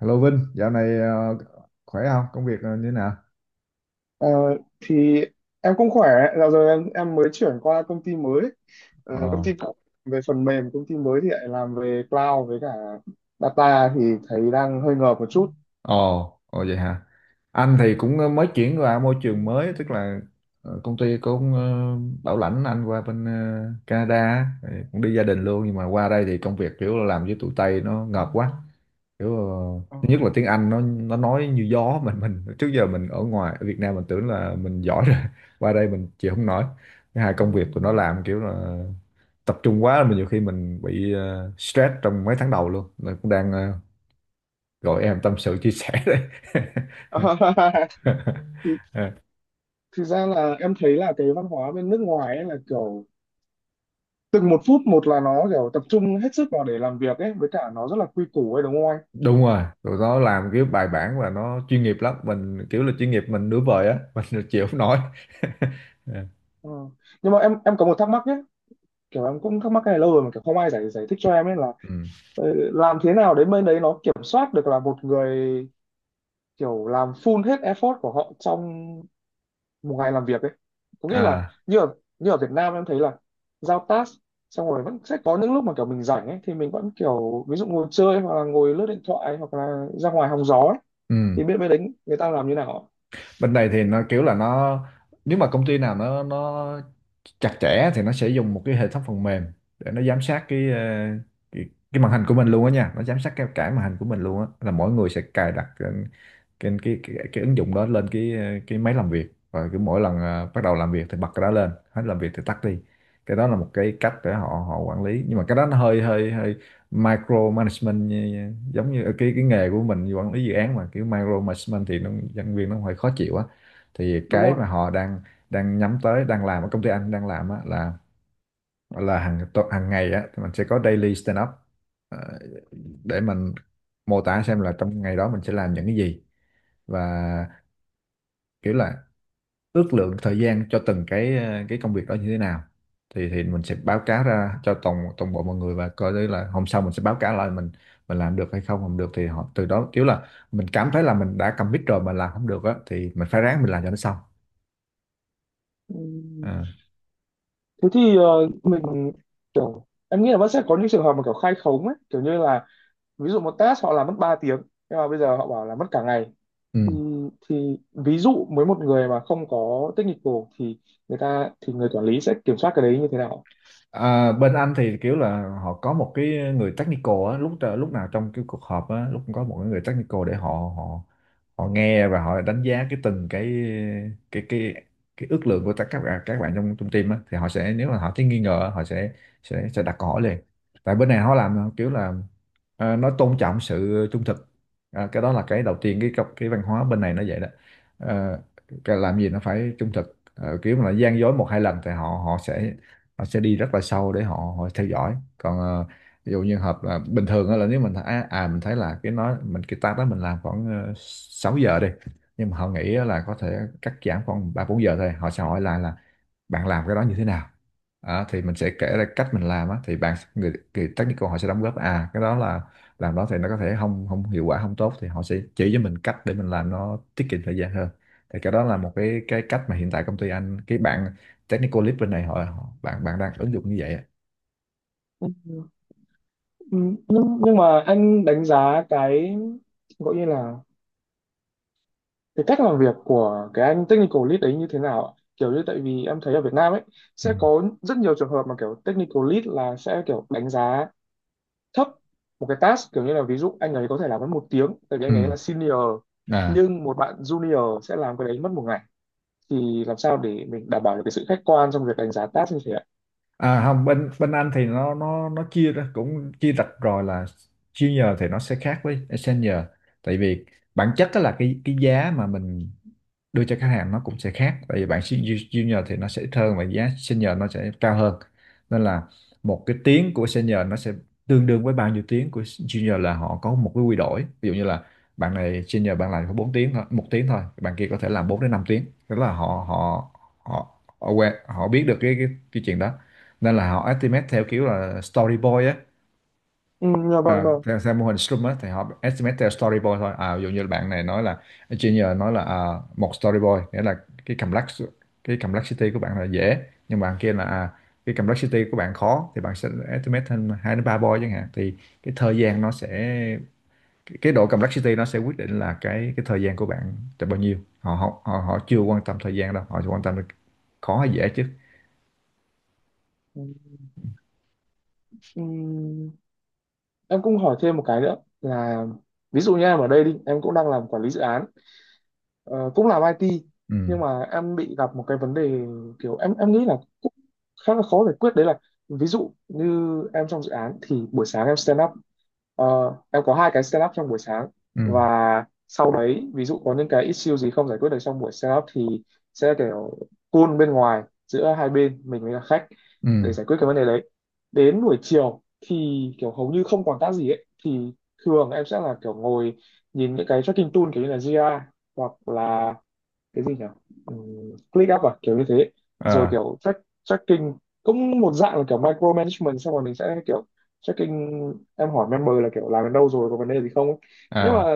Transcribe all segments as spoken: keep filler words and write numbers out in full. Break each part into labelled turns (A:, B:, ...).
A: Hello Vinh, dạo này ờ, khỏe không? Công việc ờ, như thế nào?
B: Ờ, thì em cũng khỏe. Dạo rồi em em mới chuyển qua công ty mới. Ờ, công
A: Ờ,
B: ty cũ về phần mềm, công ty mới thì lại làm về cloud với cả data, thì thấy đang hơi ngợp một chút.
A: ồ, ồ vậy hả? Anh thì cũng ờ, mới chuyển qua môi trường mới, tức là ờ, công ty cũng ờ, bảo lãnh anh qua bên ờ, Canada, á, thì cũng đi gia đình luôn, nhưng mà qua đây thì công việc kiểu là làm với tụi Tây nó ngợp quá. Kiểu ờ,
B: Ờ,
A: thứ nhất là tiếng Anh nó nó nói như gió mình mình trước giờ mình ở ngoài ở Việt Nam mình tưởng là mình giỏi rồi, qua đây mình chịu không nổi. Thứ hai công việc tụi nó làm kiểu là tập trung quá mà nhiều khi mình bị ờ, stress trong mấy tháng đầu luôn nên cũng đang ờ, gọi em tâm sự chia sẻ đây.
B: thì thực ra là em thấy là cái văn hóa bên nước ngoài ấy là kiểu từng một phút một là nó kiểu tập trung hết sức vào để làm việc ấy, với cả nó rất là quy củ ấy, đúng không anh?
A: Đúng rồi, tụi nó làm cái bài bản và nó chuyên nghiệp lắm, mình kiểu là chuyên nghiệp mình nửa vời á. Mình chịu không nổi. Ờ,
B: Ừ, nhưng mà em em có một thắc mắc nhé. Kiểu em cũng thắc mắc cái này lâu rồi mà kiểu không ai giải giải thích cho em ấy là
A: ừ.
B: ờ, làm thế nào đến bên đấy nó kiểm soát được là một người kiểu làm full hết effort của họ trong một ngày làm việc ấy. Có nghĩa là
A: À,
B: như ở, như ở Việt Nam em thấy là giao task xong rồi vẫn sẽ có những lúc mà kiểu mình rảnh ấy, thì mình vẫn kiểu ví dụ ngồi chơi hoặc là ngồi lướt điện thoại hoặc là ra ngoài hóng gió ấy.
A: ừ.
B: Thì biết bên đấy người ta làm như nào ạ?
A: Bên đây thì nó kiểu là nó, nếu mà công ty nào nó nó chặt chẽ thì nó sẽ dùng một cái hệ thống phần mềm để nó giám sát cái ờ, cái, cái màn hình của mình luôn á nha, nó giám sát cái cả màn hình của mình luôn á, là mỗi người sẽ cài đặt cái cái cái, cái, cái ứng dụng đó lên cái ờ, cái máy làm việc, và cứ mỗi lần ờ, bắt đầu làm việc thì bật cái đó lên, hết làm việc thì tắt đi. Cái đó là một cái cách để họ họ quản lý, nhưng mà cái đó nó hơi hơi hơi micro management, như, giống như ờ, cái cái nghề của mình quản lý dự án mà kiểu micro management thì nó nhân viên nó hơi khó chịu á. Thì
B: Đúng
A: cái
B: không.
A: mà họ đang đang nhắm tới, đang làm ở công ty anh đang làm á, là là hàng tu- hàng ngày á thì mình sẽ có daily stand up, ờ, để mình mô tả xem là trong ngày đó mình sẽ làm những cái gì, và kiểu là ước lượng thời gian cho từng cái ờ, cái công việc đó như thế nào. Thì thì mình sẽ báo cáo ra cho toàn toàn bộ mọi người, và coi đấy là hôm sau mình sẽ báo cáo lại mình mình làm được hay không không được. Thì họ từ đó kiểu là mình cảm thấy là mình đã commit rồi mà làm không được á thì mình phải ráng mình làm cho nó xong.
B: Ừm,
A: À,
B: thế thì ờ, mình kiểu em nghĩ là vẫn sẽ có những trường hợp mà kiểu khai khống ấy, kiểu như là ví dụ một task họ làm mất ba tiếng nhưng mà bây giờ họ bảo là mất cả ngày. Thì
A: ừ.
B: thì ví dụ với một người mà không có technical thì người ta thì người quản lý sẽ kiểm soát cái đấy như thế nào?
A: À, bên anh thì kiểu là họ có một cái người technical á, lúc lúc nào trong cái cuộc họp á, lúc cũng có một cái người technical để họ họ họ nghe và họ đánh giá cái từng cái cái cái cái ước lượng của tất các bạn, các bạn trong trong team á. Thì họ sẽ, nếu mà họ thấy nghi ngờ, họ sẽ sẽ sẽ đặt câu hỏi liền. Tại bên này họ làm kiểu là ờ, nó tôn trọng sự trung thực. À, cái đó là cái đầu tiên, cái cái văn hóa bên này nó vậy đó. Ờ, cái làm gì nó phải trung thực. Ờ, kiểu mà là gian dối một hai lần thì họ họ sẽ họ sẽ đi rất là sâu để họ, họ theo dõi. Còn ờ, ví dụ như hợp là bình thường á, là nếu mình à, à mình thấy là cái nói mình cái task đó mình làm khoảng uh, sáu giờ đi, nhưng mà họ nghĩ á là có thể cắt giảm khoảng ba bốn giờ thôi, họ sẽ hỏi lại là bạn làm cái đó như thế nào. Đó, thì mình sẽ kể ra cách mình làm á, thì bạn người, người technical họ sẽ đóng góp, à cái đó là làm đó thì nó có thể không không hiệu quả không tốt, thì họ sẽ chỉ cho mình cách để mình làm nó tiết kiệm thời gian hơn. Thì cái đó là một cái cái cách mà hiện tại công ty anh, cái bạn technical lead bên này họ, họ bạn bạn đang ứng dụng như vậy á.
B: Ừ, nhưng nhưng mà anh đánh giá cái gọi như là cái cách làm việc của cái anh technical lead ấy như thế nào ạ? Kiểu như tại vì em thấy ở Việt Nam ấy
A: Ừ.
B: sẽ có rất nhiều trường hợp mà kiểu technical lead là sẽ kiểu đánh giá thấp một cái task, kiểu như là ví dụ anh ấy có thể làm mất một tiếng tại vì anh ấy
A: Ừ.
B: là senior,
A: À.
B: nhưng một bạn junior sẽ làm cái đấy mất một ngày. Thì làm sao để mình đảm bảo được cái sự khách quan trong việc đánh giá task như thế ạ?
A: À không, bên bên anh thì nó nó nó chia ra cũng chia rạch rồi là junior thì nó sẽ khác với senior, tại vì bản chất đó là cái cái giá mà mình đưa cho khách hàng nó cũng sẽ khác. Tại vì bản ju- junior thì nó sẽ ít hơn và giá senior nó sẽ cao hơn. Nên là một cái tiếng của senior nó sẽ tương đương với bao nhiêu tiếng của junior, là họ có một cái quy đổi. Ví dụ như là bạn này senior bạn làm có bốn tiếng thôi, một tiếng thôi, bạn kia có thể làm bốn đến năm tiếng. Tức là họ họ họ họ quen, họ biết được cái cái, cái chuyện đó. Nên là họ estimate theo kiểu là storyboard á.
B: Ừ, dạ vâng
A: Ờ,
B: vâng.
A: theo, theo mô hình Scrum á thì họ estimate theo storyboard thôi à. Ví dụ như bạn này nói là junior, nói là à, một storyboard nghĩa là cái complex cái complexity của bạn là dễ, nhưng bạn kia là à, cái complexity của bạn khó, thì bạn sẽ estimate thêm hai đến ba boy chẳng hạn. Thì cái thời gian nó sẽ, cái, cái độ complexity nó sẽ quyết định là cái cái thời gian của bạn là bao nhiêu. Họ họ họ, họ chưa quan tâm thời gian đâu, họ chỉ quan tâm là khó hay dễ chứ.
B: Ừ, ừ, em cũng hỏi thêm một cái nữa, là ví dụ như em ở đây đi, em cũng đang làm quản lý dự án, Ờ, cũng làm i tê,
A: Ừ.
B: nhưng mà em bị gặp một cái vấn đề kiểu em em nghĩ là cũng khá là khó giải quyết, đấy là ví dụ như em trong dự án thì buổi sáng em stand up. Ờ, em có hai cái stand up trong buổi sáng, và
A: Ừ.
B: sau đấy ví dụ có những cái issue gì không giải quyết được trong buổi stand up thì sẽ kiểu call bên ngoài giữa hai bên mình với cả khách
A: Ừ.
B: để giải quyết cái vấn đề đấy. Đến buổi chiều thì kiểu hầu như không còn tác gì ấy, thì thường em sẽ là kiểu ngồi nhìn những cái tracking tool kiểu như là gi a hoặc là cái gì nhỉ, Ừm, click up à, kiểu như thế. Rồi
A: À.
B: kiểu track, tracking cũng một dạng là kiểu micro management, xong rồi mình sẽ kiểu tracking, em hỏi member là kiểu làm đến đâu rồi, có vấn đề gì không ấy. Nhưng mà
A: À.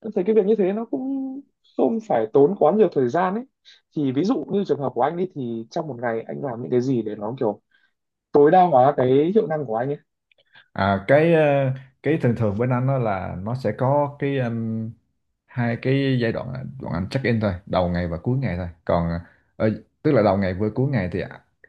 B: tôi thấy cái việc như thế nó cũng không phải tốn quá nhiều thời gian ấy. Thì ví dụ như trường hợp của anh đi, thì trong một ngày anh làm những cái gì để nó kiểu tối đa hóa cái hiệu năng của anh ấy?
A: À, cái ờ, cái thường thường bên anh đó là nó sẽ có cái um, hai cái giai đoạn là bọn anh check in thôi, đầu ngày và cuối ngày thôi. Còn ờ, tức là đầu ngày với cuối ngày thì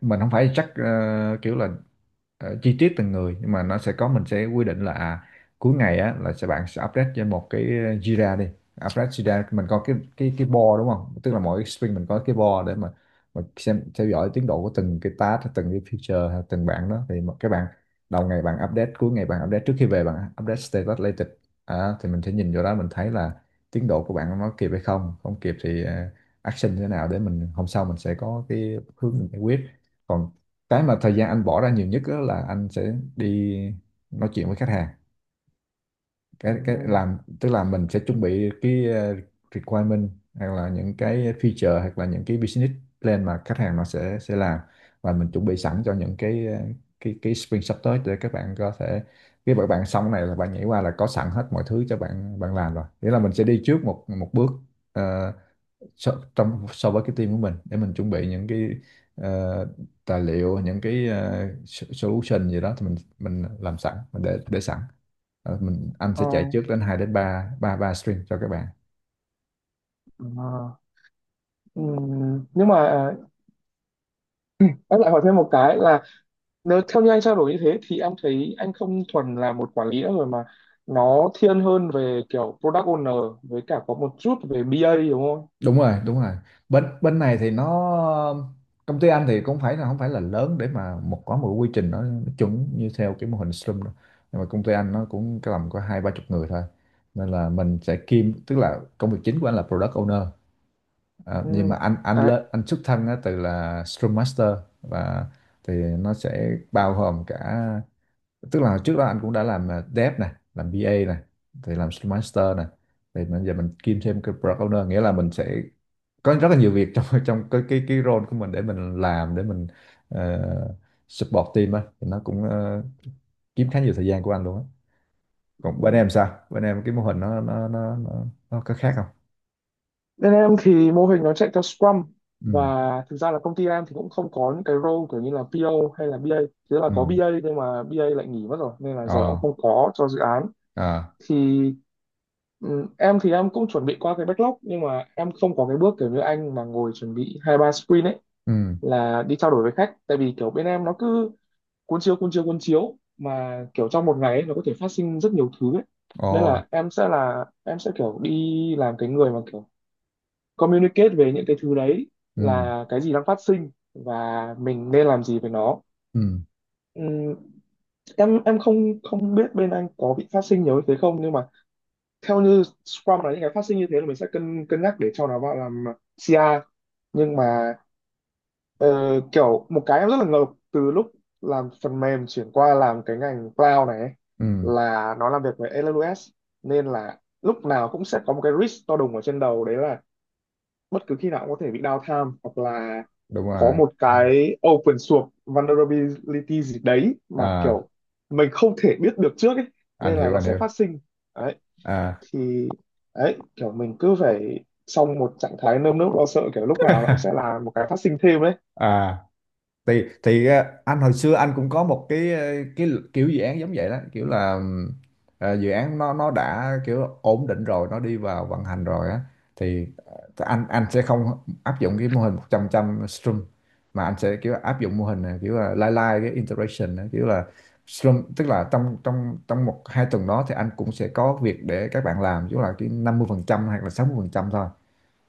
A: mình không phải check ờ, kiểu là ờ, chi tiết từng người, nhưng mà nó sẽ có, mình sẽ quy định là à, cuối ngày á là sẽ bạn sẽ update cho một cái ờ, Jira đi, update Jira. Mình có cái cái cái board đúng không, tức là mỗi cái sprint mình có cái board để mà mà xem theo dõi tiến độ của từng cái task hay từng cái feature hay từng bạn đó. Thì mà các bạn đầu ngày bạn update, cuối ngày bạn update, trước khi về bạn update status latest. À, thì mình sẽ nhìn vô đó mình thấy là tiến độ của bạn nó kịp hay không không kịp, thì ờ, action như thế nào để mình hôm sau mình sẽ có cái hướng mình giải quyết. Còn cái mà thời gian anh bỏ ra nhiều nhất đó là anh sẽ đi nói chuyện với khách hàng. Cái cái
B: Ừm,
A: làm tức là mình sẽ chuẩn bị cái ờ, requirement hoặc là những cái feature hoặc là những cái business plan mà khách hàng nó sẽ sẽ làm, và mình chuẩn bị sẵn cho những cái ờ, cái cái sprint sắp tới để các bạn có thể, khi các bạn xong cái này là bạn nhảy qua là có sẵn hết mọi thứ cho bạn bạn làm rồi. Nghĩa là mình sẽ đi trước một một bước ờ, so, trong so với cái team của mình, để mình chuẩn bị những cái ờ, tài liệu, những cái ờ, so- solution gì đó, thì mình mình làm sẵn mình để để sẵn. Ờ, mình anh sẽ
B: ờ,
A: chạy trước đến hai đến ba ba ba stream cho các bạn.
B: ờ. Ừm, nhưng mà à, em lại hỏi thêm một cái là nếu theo như anh trao đổi như thế thì em thấy anh không thuần là một quản lý nữa rồi, mà nó thiên hơn về kiểu product owner với cả có một chút về bê a, đúng không?
A: Đúng rồi đúng rồi bên bên này thì nó, công ty anh thì cũng phải là không phải là lớn để mà một có một quy trình nó chuẩn như theo cái mô hình Scrum đâu. Nhưng mà công ty anh nó cũng cái tầm có hai ba chục người thôi, nên là mình sẽ kiêm. Tức là công việc chính của anh là product owner. À,
B: Ừ.
A: nhưng mà anh anh
B: Đấy.
A: lên, anh xuất thân á, từ là Scrum Master, và thì nó sẽ bao gồm cả, tức là trước đó anh cũng đã làm à, dev này, làm bê a này, thì làm Scrum Master này, thì bây giờ mình kiêm thêm cái Product Owner. Nghĩa là mình sẽ có rất là nhiều việc trong trong cái cái cái role của mình để mình làm, để mình ờ, support team á, thì nó cũng ờ, kiếm khá nhiều thời gian của anh luôn á. Còn bên
B: Ừ.
A: em sao, bên em cái mô hình nó nó nó nó, nó có khác không?
B: Bên em thì mô hình nó chạy theo Scrum, và
A: Ừ.
B: thực ra là công ty em thì cũng không có những cái role kiểu như là pê ô hay là BA. Thế là
A: Ừ.
B: có BA nhưng mà bê a lại nghỉ mất rồi nên là giờ
A: Ờ.
B: cũng không có cho dự án.
A: À.
B: Thì ừ, em thì em cũng chuẩn bị qua cái backlog nhưng mà em không có cái bước kiểu như anh mà ngồi chuẩn bị hai ba sprint ấy,
A: Ừ.
B: là đi trao đổi với khách. Tại vì kiểu bên em nó cứ cuốn chiếu cuốn chiếu cuốn chiếu mà kiểu trong một ngày ấy, nó có thể phát sinh rất nhiều thứ ấy.
A: Ồ.
B: Nên là em sẽ là em sẽ kiểu đi làm cái người mà kiểu communicate về những cái thứ đấy,
A: Ừ.
B: là cái gì đang phát sinh và mình nên làm gì với nó.
A: Ừ.
B: Ừm, em em không không biết bên anh có bị phát sinh nhiều như thế không, nhưng mà theo như Scrum là những cái phát sinh như thế là mình sẽ cân cân nhắc để cho nó vào làm xê i. Nhưng mà Ờ, kiểu một cái em rất là ngợp từ lúc làm phần mềm chuyển qua làm cái ngành cloud này ấy,
A: Ừ.
B: là nó làm việc với a vê ét, nên là lúc nào cũng sẽ có một cái risk to đùng ở trên đầu, đấy là bất cứ khi nào cũng có thể bị downtime hoặc là
A: Đúng
B: có
A: rồi.
B: một
A: Ừ.
B: cái open source vulnerability gì đấy mà
A: À,
B: kiểu mình không thể biết được trước ấy,
A: anh
B: nên là
A: hiểu
B: nó
A: anh
B: sẽ
A: hiểu.
B: phát sinh đấy.
A: à
B: Thì đấy, kiểu mình cứ phải trong một trạng thái nơm nớp lo sợ kiểu lúc nào nó cũng sẽ là một cái phát sinh thêm đấy.
A: à thì thì ờ, anh hồi xưa anh cũng có một cái ờ, cái kiểu dự án giống vậy đó, kiểu là ừm, ờ, dự án nó nó đã kiểu ổn định rồi, nó đi vào vận hành rồi á. Thì ờ, anh anh sẽ không áp dụng cái mô hình một trăm trăm stream, mà anh sẽ kiểu áp dụng mô hình này, kiểu là lai lai cái interaction á, kiểu là stream. Tức là trong trong trong một hai tuần đó thì anh cũng sẽ có việc để các bạn làm, chứ là cái năm mươi phần trăm hoặc là sáu mươi phần trăm thôi,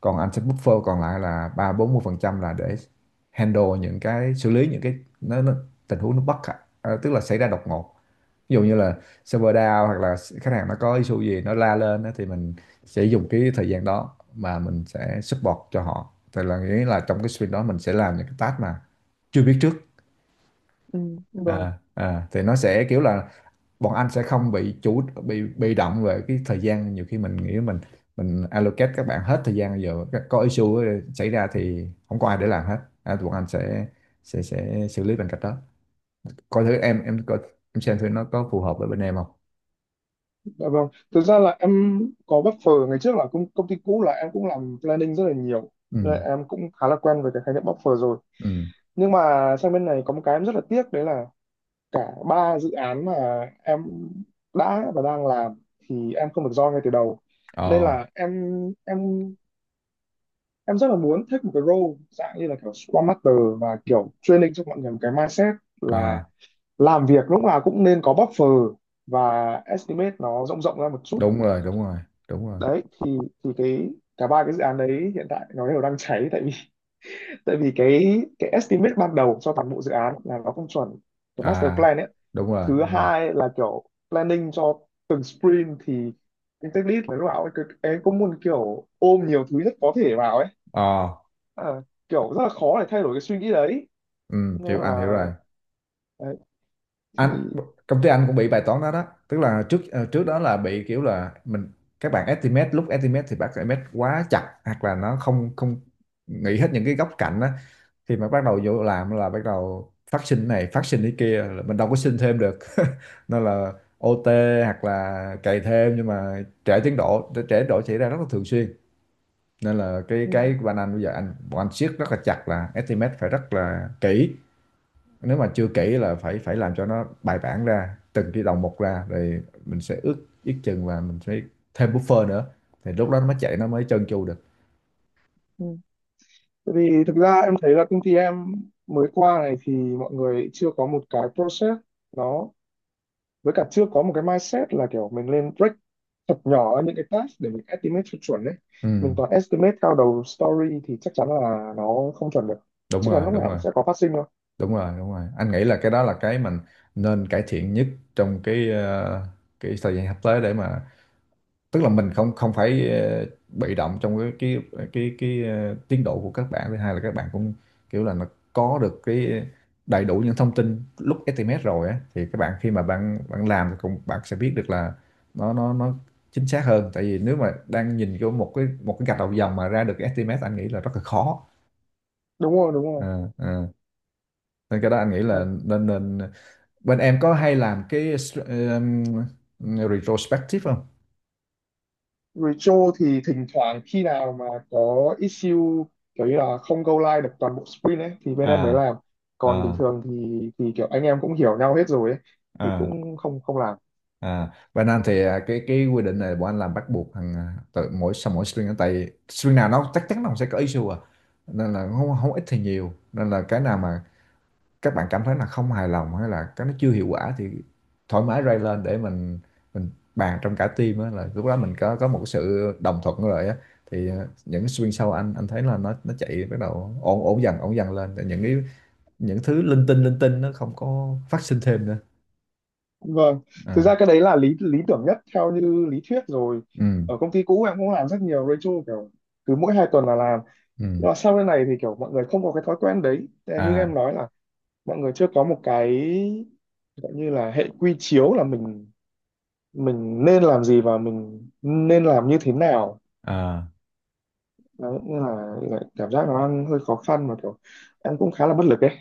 A: còn anh sẽ buffer còn lại là ba bốn mươi phần trăm là để handle những cái, xử lý những cái nó, nó tình huống nó bất khả, à, tức là xảy ra đột ngột. Ví dụ như là server down hoặc là khách hàng nó có issue gì nó la lên á, thì mình sẽ dùng cái thời gian đó mà mình sẽ support cho họ. Thì là nghĩa là trong cái sprint đó mình sẽ làm những cái task mà chưa biết trước.
B: Ừ, đúng rồi.
A: À, à, thì nó sẽ kiểu là bọn anh sẽ không bị chủ bị bị động về cái thời gian. Nhiều khi mình nghĩ mình mình allocate các bạn hết thời gian, giờ các- có issue xảy ra thì không có ai để làm hết. À, bọn anh sẽ sẽ sẽ xử lý bằng cách đó. Coi thử em em coi, em xem thử nó có phù hợp với bên em không.
B: Dạ vâng. Thực ra là em có buffer. Ngày trước là công, công ty cũ là em cũng làm planning rất là nhiều.
A: Ừ,
B: Nên là em cũng khá là quen với cái khái niệm buffer rồi.
A: ừ,
B: Nhưng mà sang bên này có một cái em rất là tiếc đấy là cả ba dự án mà em đã và đang làm thì em không được join ngay từ đầu. Nên
A: ờ,
B: là em em em rất là muốn take một cái role dạng như là kiểu Scrum Master và kiểu training cho mọi người một cái mindset là
A: à,
B: làm việc lúc nào cũng nên có buffer và estimate nó rộng rộng ra một chút.
A: đúng rồi đúng rồi đúng rồi.
B: Đấy thì thì cái cả ba cái dự án đấy hiện tại nó đều đang cháy, tại vì tại vì cái cái estimate ban đầu cho toàn bộ dự án là nó không chuẩn, cái master
A: À,
B: plan ấy.
A: đúng rồi
B: Thứ
A: đúng rồi.
B: hai là kiểu planning cho từng sprint thì cái tech lead phải lúc nào ấy, cứ- em cũng muốn kiểu ôm nhiều thứ nhất có thể vào ấy.
A: Ờ,
B: Ờ, kiểu rất là khó để thay đổi cái suy nghĩ đấy.
A: ừ, hiểu,
B: Nên
A: anh
B: là
A: hiểu rồi.
B: đấy, thì
A: anh Công ty anh cũng bị bài toán đó đó. Tức là trước ờ, trước đó là bị kiểu là mình, các bạn estimate, lúc estimate thì bác estimate quá chặt hoặc là nó không không nghĩ hết những cái góc cạnh á. Khi mà bắt đầu vô làm là bắt đầu phát sinh này phát sinh cái kia là mình đâu có xin thêm được nên là ô tê hoặc là cày thêm, nhưng mà trễ tiến độ, trễ tiến độ xảy ra rất là thường xuyên. Nên là cái
B: ừ,
A: cái của anh, anh bây giờ anh bọn anh siết rất là chặt là estimate phải rất là kỹ. Nếu mà chưa kỹ là phải phải làm cho nó bài bản ra, từng cái đầu một ra, rồi mình sẽ ước, ước chừng và mình sẽ thêm buffer nữa. Thì lúc đó nó mới chạy, nó mới trơn tru được.
B: ừ. Tại vì thực ra em thấy là công ty em mới qua này thì mọi người chưa có một cái process nó, với cả chưa có một cái mindset là kiểu mình lên break thật nhỏ những cái task để mình estimate cho chuẩn đấy. Mình
A: Ừ,
B: toàn estimate cao đầu story thì chắc chắn là nó không chuẩn được,
A: đúng
B: chắc chắn
A: rồi,
B: lúc
A: đúng
B: nào
A: rồi.
B: cũng sẽ có phát sinh thôi.
A: Đúng rồi, đúng rồi. Anh nghĩ là cái đó là cái mình nên cải thiện nhất trong cái ờ, cái thời gian sắp tới, để mà tức là mình không không phải ờ, bị động trong cái cái cái cái ờ, tiến độ của các bạn. Thứ hai là các bạn cũng kiểu là nó có được cái đầy đủ những thông tin lúc estimate rồi á, thì các bạn khi mà bạn bạn làm thì cũng, bạn sẽ biết được là nó nó nó chính xác hơn. Tại vì nếu mà đang nhìn vô một cái một cái gạch đầu dòng mà ra được cái estimate, anh nghĩ là rất là khó.
B: Đúng rồi đúng rồi.
A: Ờ, ờ, nên cái đó anh nghĩ
B: Ờ.
A: là nên nên bên em có hay làm cái str- ừm, retrospective không?
B: Retro thì thỉnh thoảng khi nào mà có issue kiểu như là không go live được toàn bộ sprint ấy thì bên em mới
A: À,
B: làm, còn bình
A: à,
B: thường thì thì kiểu anh em cũng hiểu nhau hết rồi ấy, thì
A: à.
B: cũng không không làm.
A: À, Việt Nam thì à, cái cái quy định này bọn anh làm bắt buộc thằng à, tự mỗi sau mỗi string, tại string nào nó chắc chắn nó cũng sẽ có issue à, nên là không, không ít thì nhiều. Nên là cái nào mà các bạn cảm thấy là không hài lòng hay là cái nó chưa hiệu quả thì thoải mái raise lên để mình mình bàn trong cả team á, là lúc đó mình có có một cái sự đồng thuận rồi á. Thì à, những string sau anh anh thấy là nó nó chạy bắt đầu ổn ổn dần ổn dần lên. Tại những cái, những thứ linh tinh linh tinh nó không có phát sinh thêm nữa.
B: Vâng, thực
A: À,
B: ra cái đấy là lý lý tưởng nhất theo như lý thuyết rồi.
A: ừ,
B: Ở công ty cũ em cũng làm rất nhiều Rachel kiểu cứ mỗi hai tuần là làm.
A: ừ,
B: Nhưng mà sau cái này thì kiểu mọi người không có cái thói quen đấy. Thế là như em
A: à,
B: nói là mọi người chưa có một cái gọi như là hệ quy chiếu là mình mình nên làm gì và mình nên làm như thế nào.
A: à.
B: Đấy, nên là lại cảm giác nó đang hơi khó khăn mà kiểu em cũng khá là bất lực ấy.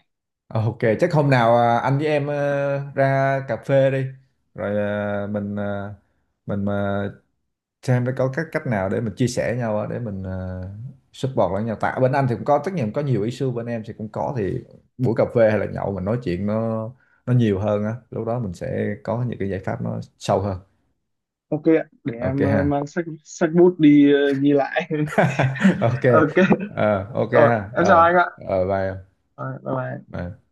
A: Ờ, ok, chắc hôm nào à, anh với em ờ, ra cà phê đi. Rồi à, mình à, mình mà xem có các cách nào để mình chia sẻ nhau á, để mình à, support lẫn nhau. Tại bên anh thì cũng có, tất nhiên có nhiều issue, bên em thì cũng có, thì buổi cà phê hay là nhậu mình nói chuyện nó nó nhiều hơn á. Lúc đó mình sẽ có những cái giải pháp nó sâu hơn.
B: Ok ạ, để
A: Ok
B: em ờ,
A: ha.
B: mang sách sách bút đi ờ, ghi lại.
A: Ok.
B: Ok,
A: Ờ, ok
B: ờ,
A: ha.
B: em chào
A: Ờ,
B: anh ạ.
A: ờ, bye em.
B: Rồi, bye bye.
A: Bye.